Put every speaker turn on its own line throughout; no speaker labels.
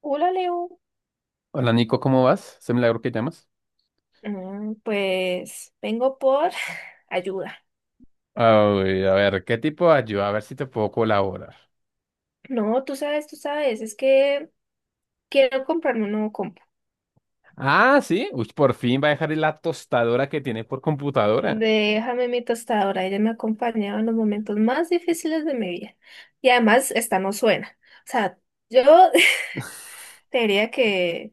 Hola Leo.
Hola Nico, ¿cómo vas? ¿Se milagro que llamas?
Pues vengo por ayuda.
Ay, a ver, ¿qué tipo de ayuda? A ver si te puedo colaborar.
No, tú sabes, es que quiero comprarme un nuevo compu.
Ah, sí. Uy, por fin va a dejar la tostadora que tiene por computadora.
Déjame mi tostadora, ella me ha acompañado en los momentos más difíciles de mi vida. Y además, esta no suena. O sea, yo te diría que,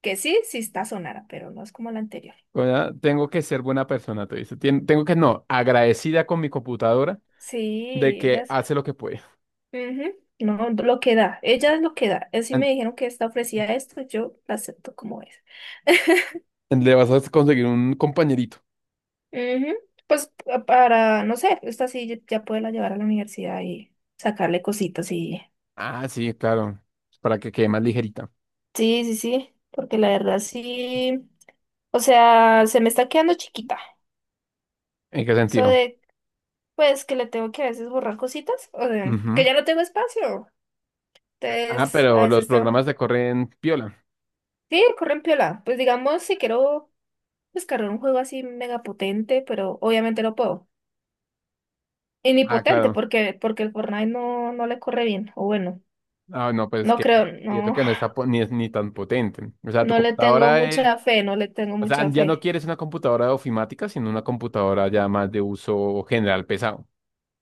que sí, sí está sonara, pero no es como la anterior.
O tengo que ser buena persona, te dice. Tengo que, no, agradecida con mi computadora de
Sí,
que
ella.
hace lo que puede.
Ujú. No, lo que da, ella es lo que da. Así me
An-
dijeron que esta ofrecía esto, yo la acepto como es.
Le vas a conseguir un compañerito.
Ujú. Pues para, no sé, esta sí ya puede la llevar a la universidad y sacarle cositas. Y...
Ah, sí, claro. Para que quede más ligerita.
Sí, sí, sí, porque la verdad sí, o sea, se me está quedando chiquita.
¿En qué
Eso
sentido?
de, pues, que le tengo que a veces borrar cositas, o de,
Ujú.
que ya no tengo espacio.
Ah,
Entonces, a
pero los
veces tengo.
programas te corren piola.
Sí, corren piola. Pues digamos, si quiero descargar un juego así mega potente, pero obviamente no puedo. Y ni
Ah,
potente,
claro.
porque el Fortnite no, no le corre bien, o bueno.
Ah, no, pues
No
que,
creo,
y eso
no.
que no está ni tan potente. O sea, tu
No le tengo
computadora es,
mucha fe, no le tengo
o sea,
mucha
ya no
fe.
quieres una computadora ofimática, sino una computadora ya más de uso general pesado.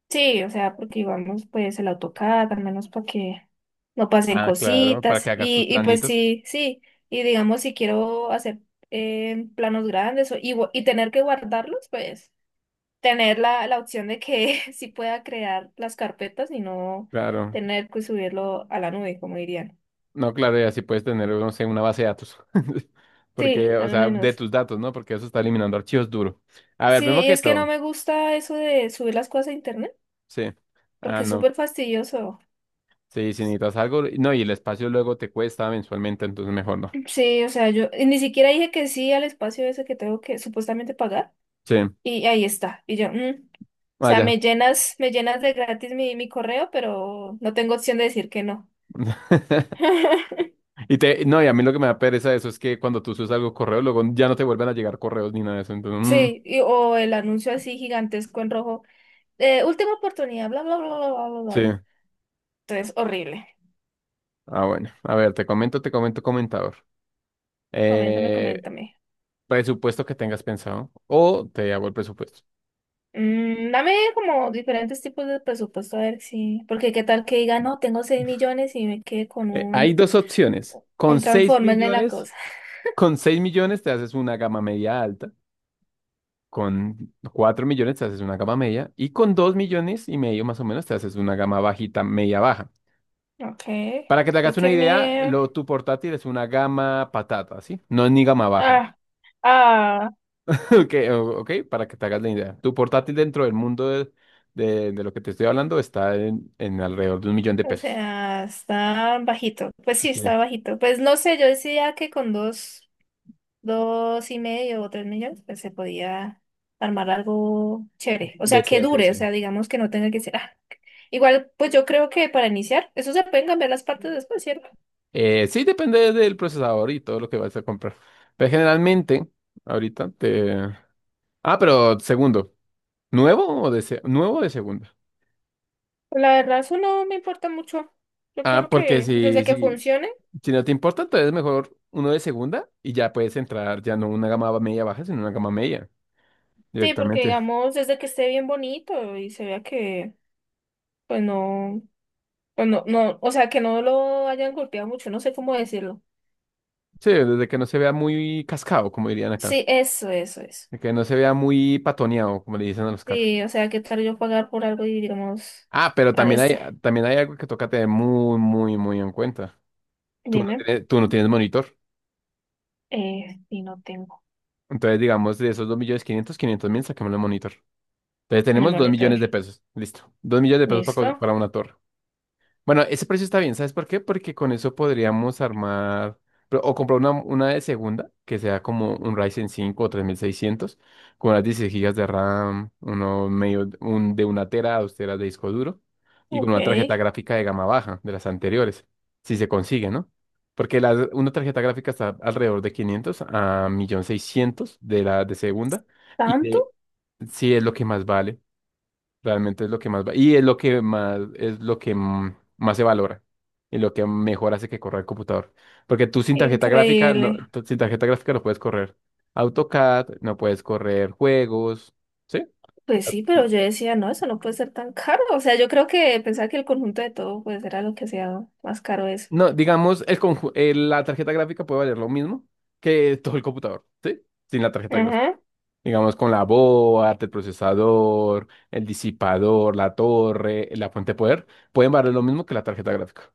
Sí, o sea, porque vamos pues el AutoCAD, al menos para que no pasen
Ah, claro, para que
cositas.
hagas tus
Y pues
planitos.
sí, sí. Y digamos, si quiero hacer planos grandes y tener que guardarlos, pues tener la opción de que sí pueda crear las carpetas y no
Claro,
tener que subirlo a la nube, como dirían.
no, claro, y así puedes tener, no sé, una base de datos.
Sí,
Porque, o
al
sea, de
menos.
tus datos, ¿no? Porque eso está eliminando archivos duros. A ver,
Sí,
primero
y
que
es que no
todo,
me gusta eso de subir las cosas a internet,
sí. Ah,
porque es
no,
súper fastidioso.
sí, si necesitas algo, no, y el espacio luego te cuesta mensualmente, entonces mejor no.
Sí, o sea, yo y ni siquiera dije que sí al espacio ese que tengo que supuestamente pagar
Sí,
y ahí está. Y yo, o sea,
vaya.
me llenas de gratis mi correo, pero no tengo opción de decir que no.
Y te, no, y a mí lo que me da pereza de eso es que cuando tú subes algo correo, luego ya no te vuelven a llegar correos ni nada de eso. Entonces,
Sí, o el anuncio así gigantesco en rojo. Última oportunidad, bla, bla, bla, bla, bla, bla, bla,
sí.
bla. Entonces, horrible.
Ah, bueno. A ver, te comento, comentador.
Coméntame,
Eh,
coméntame.
Presupuesto que tengas pensado o te hago el presupuesto.
Dame como diferentes tipos de presupuesto, a ver si. Porque qué tal que diga, no, tengo 6 millones y me quede con
Hay
un,
dos opciones.
un
Con seis
Transformer en la
millones,
cosa.
con seis millones te haces una gama media alta. Con 4 millones te haces una gama media. Y con 2 millones y medio más o menos te haces una gama bajita, media baja.
Okay,
Para que te
tú
hagas
qué
una idea,
me.
lo, tu portátil es una gama patata, ¿sí? No es ni gama baja.
Ah, ah,
Ok, para que te hagas la idea. Tu portátil dentro del mundo de, de lo que te estoy hablando está en alrededor de un millón de
o
pesos.
sea, está bajito. Pues sí,
Ok.
está bajito. Pues no sé, yo decía que con dos, dos y medio o 3 millones, pues se podía armar algo chévere. O sea, que
Decente,
dure, o
sí.
sea, digamos que no tenga que ser, ah. Igual, pues yo creo que para iniciar, eso se pueden cambiar las partes después, ¿cierto?
Sí, depende del procesador y todo lo que vas a comprar. Pero generalmente, ahorita te... Ah, pero segundo. ¿Nuevo o de segundo?
La verdad, eso no me importa mucho. Yo
Ah,
creo
porque
que
si,
desde que
si,
funcione,
Si no te importa, entonces mejor uno de segunda y ya puedes entrar, ya no una gama media baja, sino una gama media
sí, porque
directamente.
digamos, desde que esté bien bonito y se vea que, pues no. O no, no, o sea, que no lo hayan golpeado mucho, no sé cómo decirlo.
Sí, desde que no se vea muy cascado, como dirían acá.
Sí, eso, eso, eso.
De que no se vea muy patoneado, como le dicen a los carros.
Sí, o sea, ¿qué tal yo pagar por algo y digamos,
Ah, pero
a
también hay,
este,
también hay algo que toca tener muy, muy, muy en cuenta. Tú no
dime,
tienes, tú no tienes monitor.
y no tengo
Entonces, digamos, de esos 2 millones quinientos mil, saquemos el monitor. Entonces,
el
tenemos 2 millones de
maletar.
pesos. Listo. 2 millones de pesos para,
¿Listo?
para una torre. Bueno, ese precio está bien, ¿sabes por qué? Porque con eso podríamos armar o comprar una de segunda, que sea como un Ryzen cinco o 3600 con unas 16 gigas de RAM, uno medio, un, de una tera, dos teras de disco duro, y con
Ok.
una tarjeta gráfica de gama baja, de las anteriores, si se consigue, ¿no? Porque la, una tarjeta gráfica está alrededor de 500 a 1.600.000 de la de segunda, y
¿Tanto?
de, sí es lo que más vale. Realmente es lo que más va. Y es lo que más, es lo que más se valora. Y lo que mejor hace que corra el computador. Porque tú sin tarjeta gráfica, no,
Increíble.
tú sin tarjeta gráfica no puedes correr AutoCAD, no puedes correr juegos. ¿Sí?
Pues sí, pero yo decía, no, eso no puede ser tan caro. O sea, yo creo que pensaba que el conjunto de todo pues era lo que sea más caro eso.
No, digamos, la tarjeta gráfica puede valer lo mismo que todo el computador, ¿sí? Sin la tarjeta gráfica.
Ajá.
Digamos, con la board, el procesador, el disipador, la torre, la fuente de poder, pueden valer lo mismo que la tarjeta gráfica.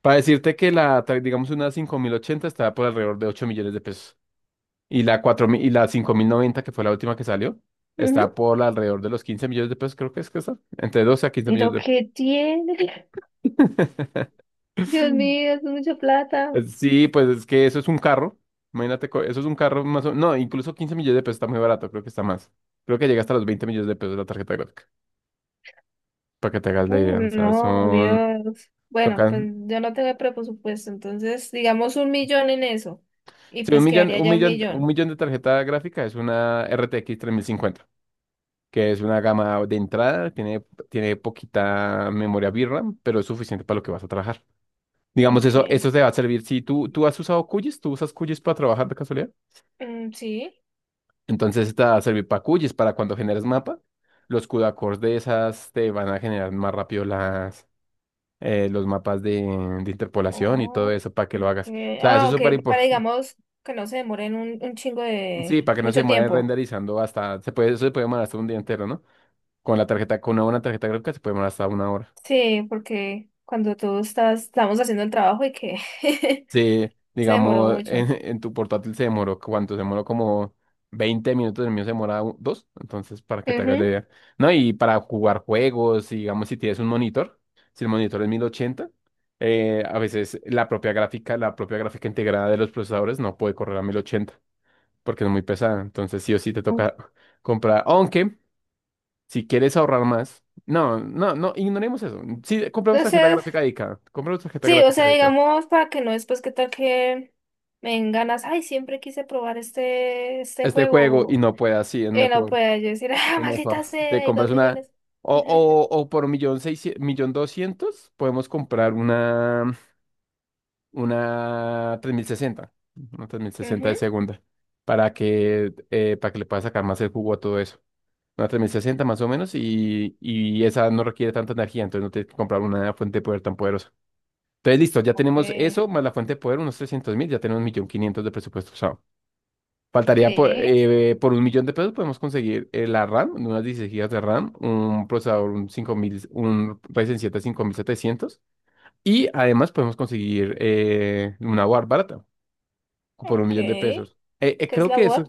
Para decirte que digamos, una 5080 estaba por alrededor de 8 millones de pesos. Y la 4000 y la 5090 que fue la última que salió,
Ujú.
está por alrededor de los 15 millones de pesos, creo que es que está. Entre 12 a 15 millones
Pero
de pesos.
qué tiene. Dios mío, es mucha plata.
Pues sí, pues es que eso es un carro. Imagínate, eso es un carro más o no, incluso 15 millones de pesos está muy barato, creo que está más. Creo que llega hasta los 20 millones de pesos la tarjeta gráfica. Para que te hagas la
Oh,
idea. O sea,
no,
son.
Dios. Bueno, pues
Tocan.
yo no tengo presupuesto, entonces digamos un millón en eso. Y
Sí,
pues quedaría ya un
un
millón.
millón de tarjeta gráfica es una RTX cincuenta que es una gama de entrada, tiene poquita memoria VRAM, pero es suficiente para lo que vas a trabajar. Digamos,
Ok.
eso te va a servir. Si tú has usado QGIS, tú usas QGIS para trabajar de casualidad,
Mm, sí.
entonces te va a servir para QGIS, para cuando generes mapa, los CUDA cores de esas te van a generar más rápido las, los mapas de interpolación y todo
Oh,
eso para que
ok.
lo hagas. O sea, eso
Ah,
es
ok,
súper
para
importante.
digamos que no se demoren un chingo de
Sí, para que no se
mucho
demore
tiempo.
renderizando hasta, se puede, eso se puede demorar hasta un día entero, ¿no? Con la tarjeta, con una buena tarjeta gráfica se puede demorar hasta una hora.
Sí, porque cuando estamos haciendo el trabajo y que
Sí,
se demoró
digamos,
mucho.
en tu portátil se demoró, ¿cuánto? Se demoró como 20 minutos, el mío se demora dos, entonces para que te hagas la idea. No, y para jugar juegos, y digamos, si tienes un monitor, si el monitor es 1080, a veces la propia gráfica integrada de los procesadores no puede correr a 1080 porque es muy pesada, entonces sí o sí te
Ujú.
toca comprar, aunque si quieres ahorrar más, no, no, no, ignoremos eso, sí, compramos tarjeta
Entonces.
gráfica dedicada, compramos tarjeta
Sí, o
gráfica
sea, digamos, para que no después que tal que me den ganas, ay, siempre quise probar este
este juego y
juego,
no puedas, sí, es
y no
mejor,
pueda yo decir, ah,
es
maldita
mejor.
sea,
Te
hay dos
compras una,
millones.
o por millón seiscientos, millón doscientos, podemos comprar una, una 3060 una tres mil sesenta de
Ujú.
segunda, para que le puedas sacar más el jugo a todo eso. Una 3060 más o menos y esa no requiere tanta energía, entonces no tienes que comprar una fuente de poder tan poderosa. Entonces, listo, ya
Ok,
tenemos eso, más la fuente de poder, unos 300 mil, ya tenemos un millón quinientos de presupuesto. Faltaría
sí,
por un millón de pesos podemos conseguir la RAM, unas 16 gigas de RAM, un procesador, un Ryzen siete cinco mil setecientos y además podemos conseguir una board barata por un
ok.
millón de
¿Qué
pesos.
es
Creo
la
que eso,
Word?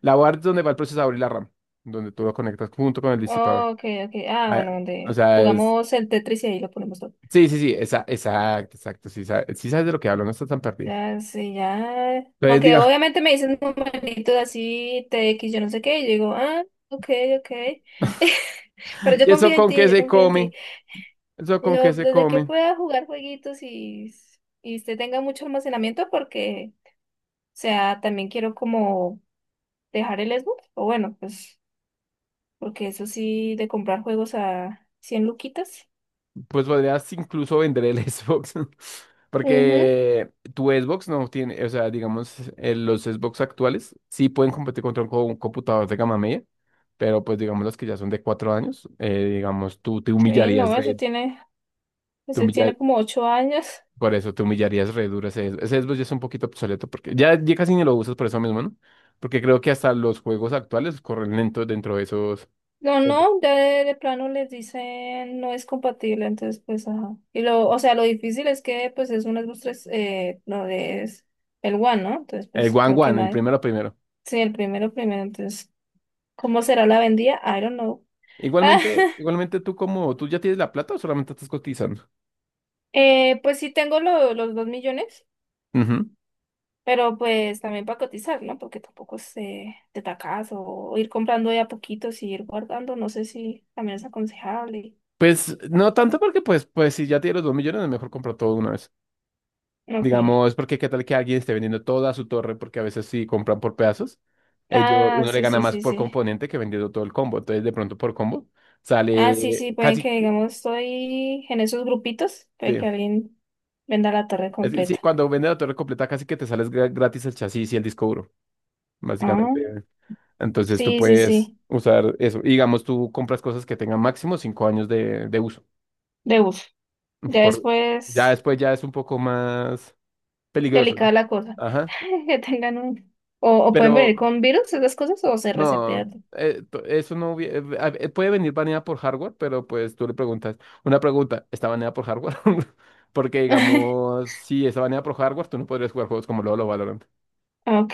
la board es donde va el procesador y la RAM, donde tú lo conectas junto con el disipador.
Oh, ok, ok. Ah,
Ah,
bueno,
o
donde
sea, es...
jugamos el Tetris y ahí lo ponemos todo.
Sí, sí, sí, esa, exacto, exacto, sí, sí sabes de lo que hablo, no estás tan perdido.
Ya, sí, ya.
Entonces
Aunque
diga,
obviamente me dicen numeritos así, t x yo no sé qué, y yo digo, ah, ok, ok. Pero yo
¿y eso
confío en
con qué
ti, yo
se
confío en ti.
come? ¿Eso con qué
Yo,
se
desde que
come?
pueda jugar jueguitos y usted tenga mucho almacenamiento, porque, o sea, también quiero como dejar el Xbox, o bueno, pues, porque eso sí, de comprar juegos a 100 luquitas.
Pues podrías incluso vender el Xbox, ¿no?
Ujú.
Porque tu Xbox no tiene, o sea, digamos, los Xbox actuales sí pueden competir contra un, un computador de gama media, pero pues digamos los que ya son de 4 años, digamos, tú te
Sí,
humillarías
no,
re, te
ese
humilla-
tiene como 8 años.
por eso te humillarías re duro ese, Xbox. Ese Xbox ya es un poquito obsoleto, porque ya, ya casi ni lo usas por eso mismo, ¿no? Porque creo que hasta los juegos actuales corren lentos dentro de esos,
No,
el
no, ya de plano les dicen no es compatible, entonces, pues, ajá. Y o sea, lo difícil es que, pues, es un Xbox 3, no, es el One, ¿no? Entonces,
el
pues,
One
creo que
One, el
nadie.
primero primero.
Sí, el primero, primero, entonces. ¿Cómo será la vendida? I don't know.
Igualmente, igualmente tú como, ¿tú ya tienes la plata o solamente estás cotizando?
Pues sí tengo los 2 millones,
Ujú.
pero pues también para cotizar, ¿no? Porque tampoco es de tacazo o ir comprando de a poquitos y ir guardando, no sé si también es aconsejable.
Pues no tanto porque pues, pues si ya tienes los dos millones, es mejor comprar todo de una vez.
Ok.
Digamos, porque qué tal que alguien esté vendiendo toda su torre, porque a veces si compran por pedazos, ellos,
Ah,
uno le
sí,
gana
sí,
más
sí,
por
sí.
componente que vendiendo todo el combo. Entonces de pronto por combo
Ah, sí,
sale
sí, pueden
casi,
que
que-
digamos estoy en esos grupitos, puede
sí,
que alguien venda la torre
es que sí,
completa.
cuando vendes la torre completa casi que te sales gratis el chasis y el disco duro,
Ah,
básicamente. Entonces tú
sí, sí,
puedes
sí,
usar eso. Y digamos, tú compras cosas que tengan máximo 5 años de uso.
de uso. Ya
Por, ya
después.
después ya es un poco más peligroso,
Delicada
¿no?
la cosa.
Ajá.
Que tengan un. O pueden
Pero
venir con virus, esas cosas, o se
no,
resetean.
p- eso no hubie- a- puede venir baneada por hardware, pero pues tú le preguntas, una pregunta, ¿está baneada por hardware? Porque digamos, si está baneada por hardware, tú no podrías jugar juegos como LoL o Valorant.
Ok,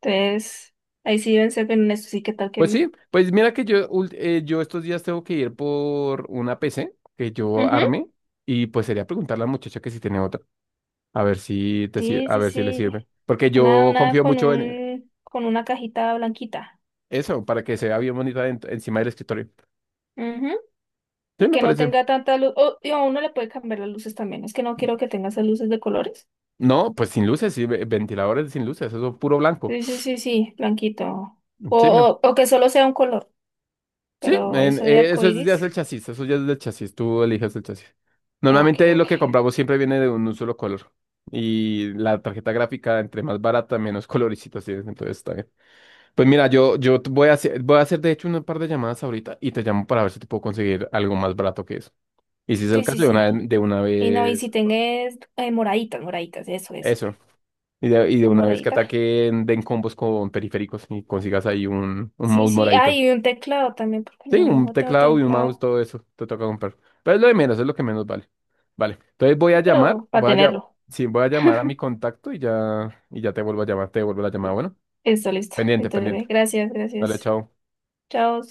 entonces ahí sí deben ser bien honestos, sí qué tal que,
Pues
¿no?
sí, pues mira que yo, yo estos días tengo que ir por una PC que yo
Ujú.
arme y pues sería preguntarle a la muchacha que si tiene otra, a ver si te,
Sí,
a
sí,
ver si le
sí.
sirve. Porque yo
Una
confío
con
mucho en,
con una cajita blanquita.
eso, para que se vea bien bonita encima del escritorio.
Ujú.
Sí,
Y
me
que no
parece.
tenga tanta luz. O y a uno le puede cambiar las luces también. Es que no quiero que tenga esas luces de colores.
No, pues sin luces, sí, ventiladores sin luces, eso puro blanco.
Sí, sí, sí, sí, blanquito.
Sí,
O que solo sea un color.
sí,
Pero eso de
ya es el
arcoíris.
chasis, eso ya es del chasis, tú eliges el chasis.
Ok,
Normalmente
ok.
lo que compramos siempre viene de un solo color. Y la tarjeta gráfica, entre más barata, menos coloricitos tienes, entonces está bien. Pues mira, yo, voy a hacer de hecho un par de llamadas ahorita y te llamo para ver si te puedo conseguir algo más barato que eso. Y si es el
Sí, sí,
caso,
sí.
de una
Y no, y si
vez,
tenés moraditas, moraditas, eso es.
eso. Y de
La
una vez que
moradita.
ataquen, den combos con periféricos y consigas ahí un
Sí,
mouse
sí. Ah,
moradito.
y un teclado también, porque
Sí,
no,
un
no tengo
teclado y un mouse,
teclado.
todo eso te toca comprar. Pero es lo de menos, es lo que menos vale. Vale, entonces voy a llamar,
Pero para tenerlo.
sí, voy a llamar a mi contacto y ya te vuelvo a llamar, te vuelvo la llamada. Bueno,
Listo, listo.
pendiente, pendiente.
Entonces, gracias,
Dale,
gracias.
chao.
Chao.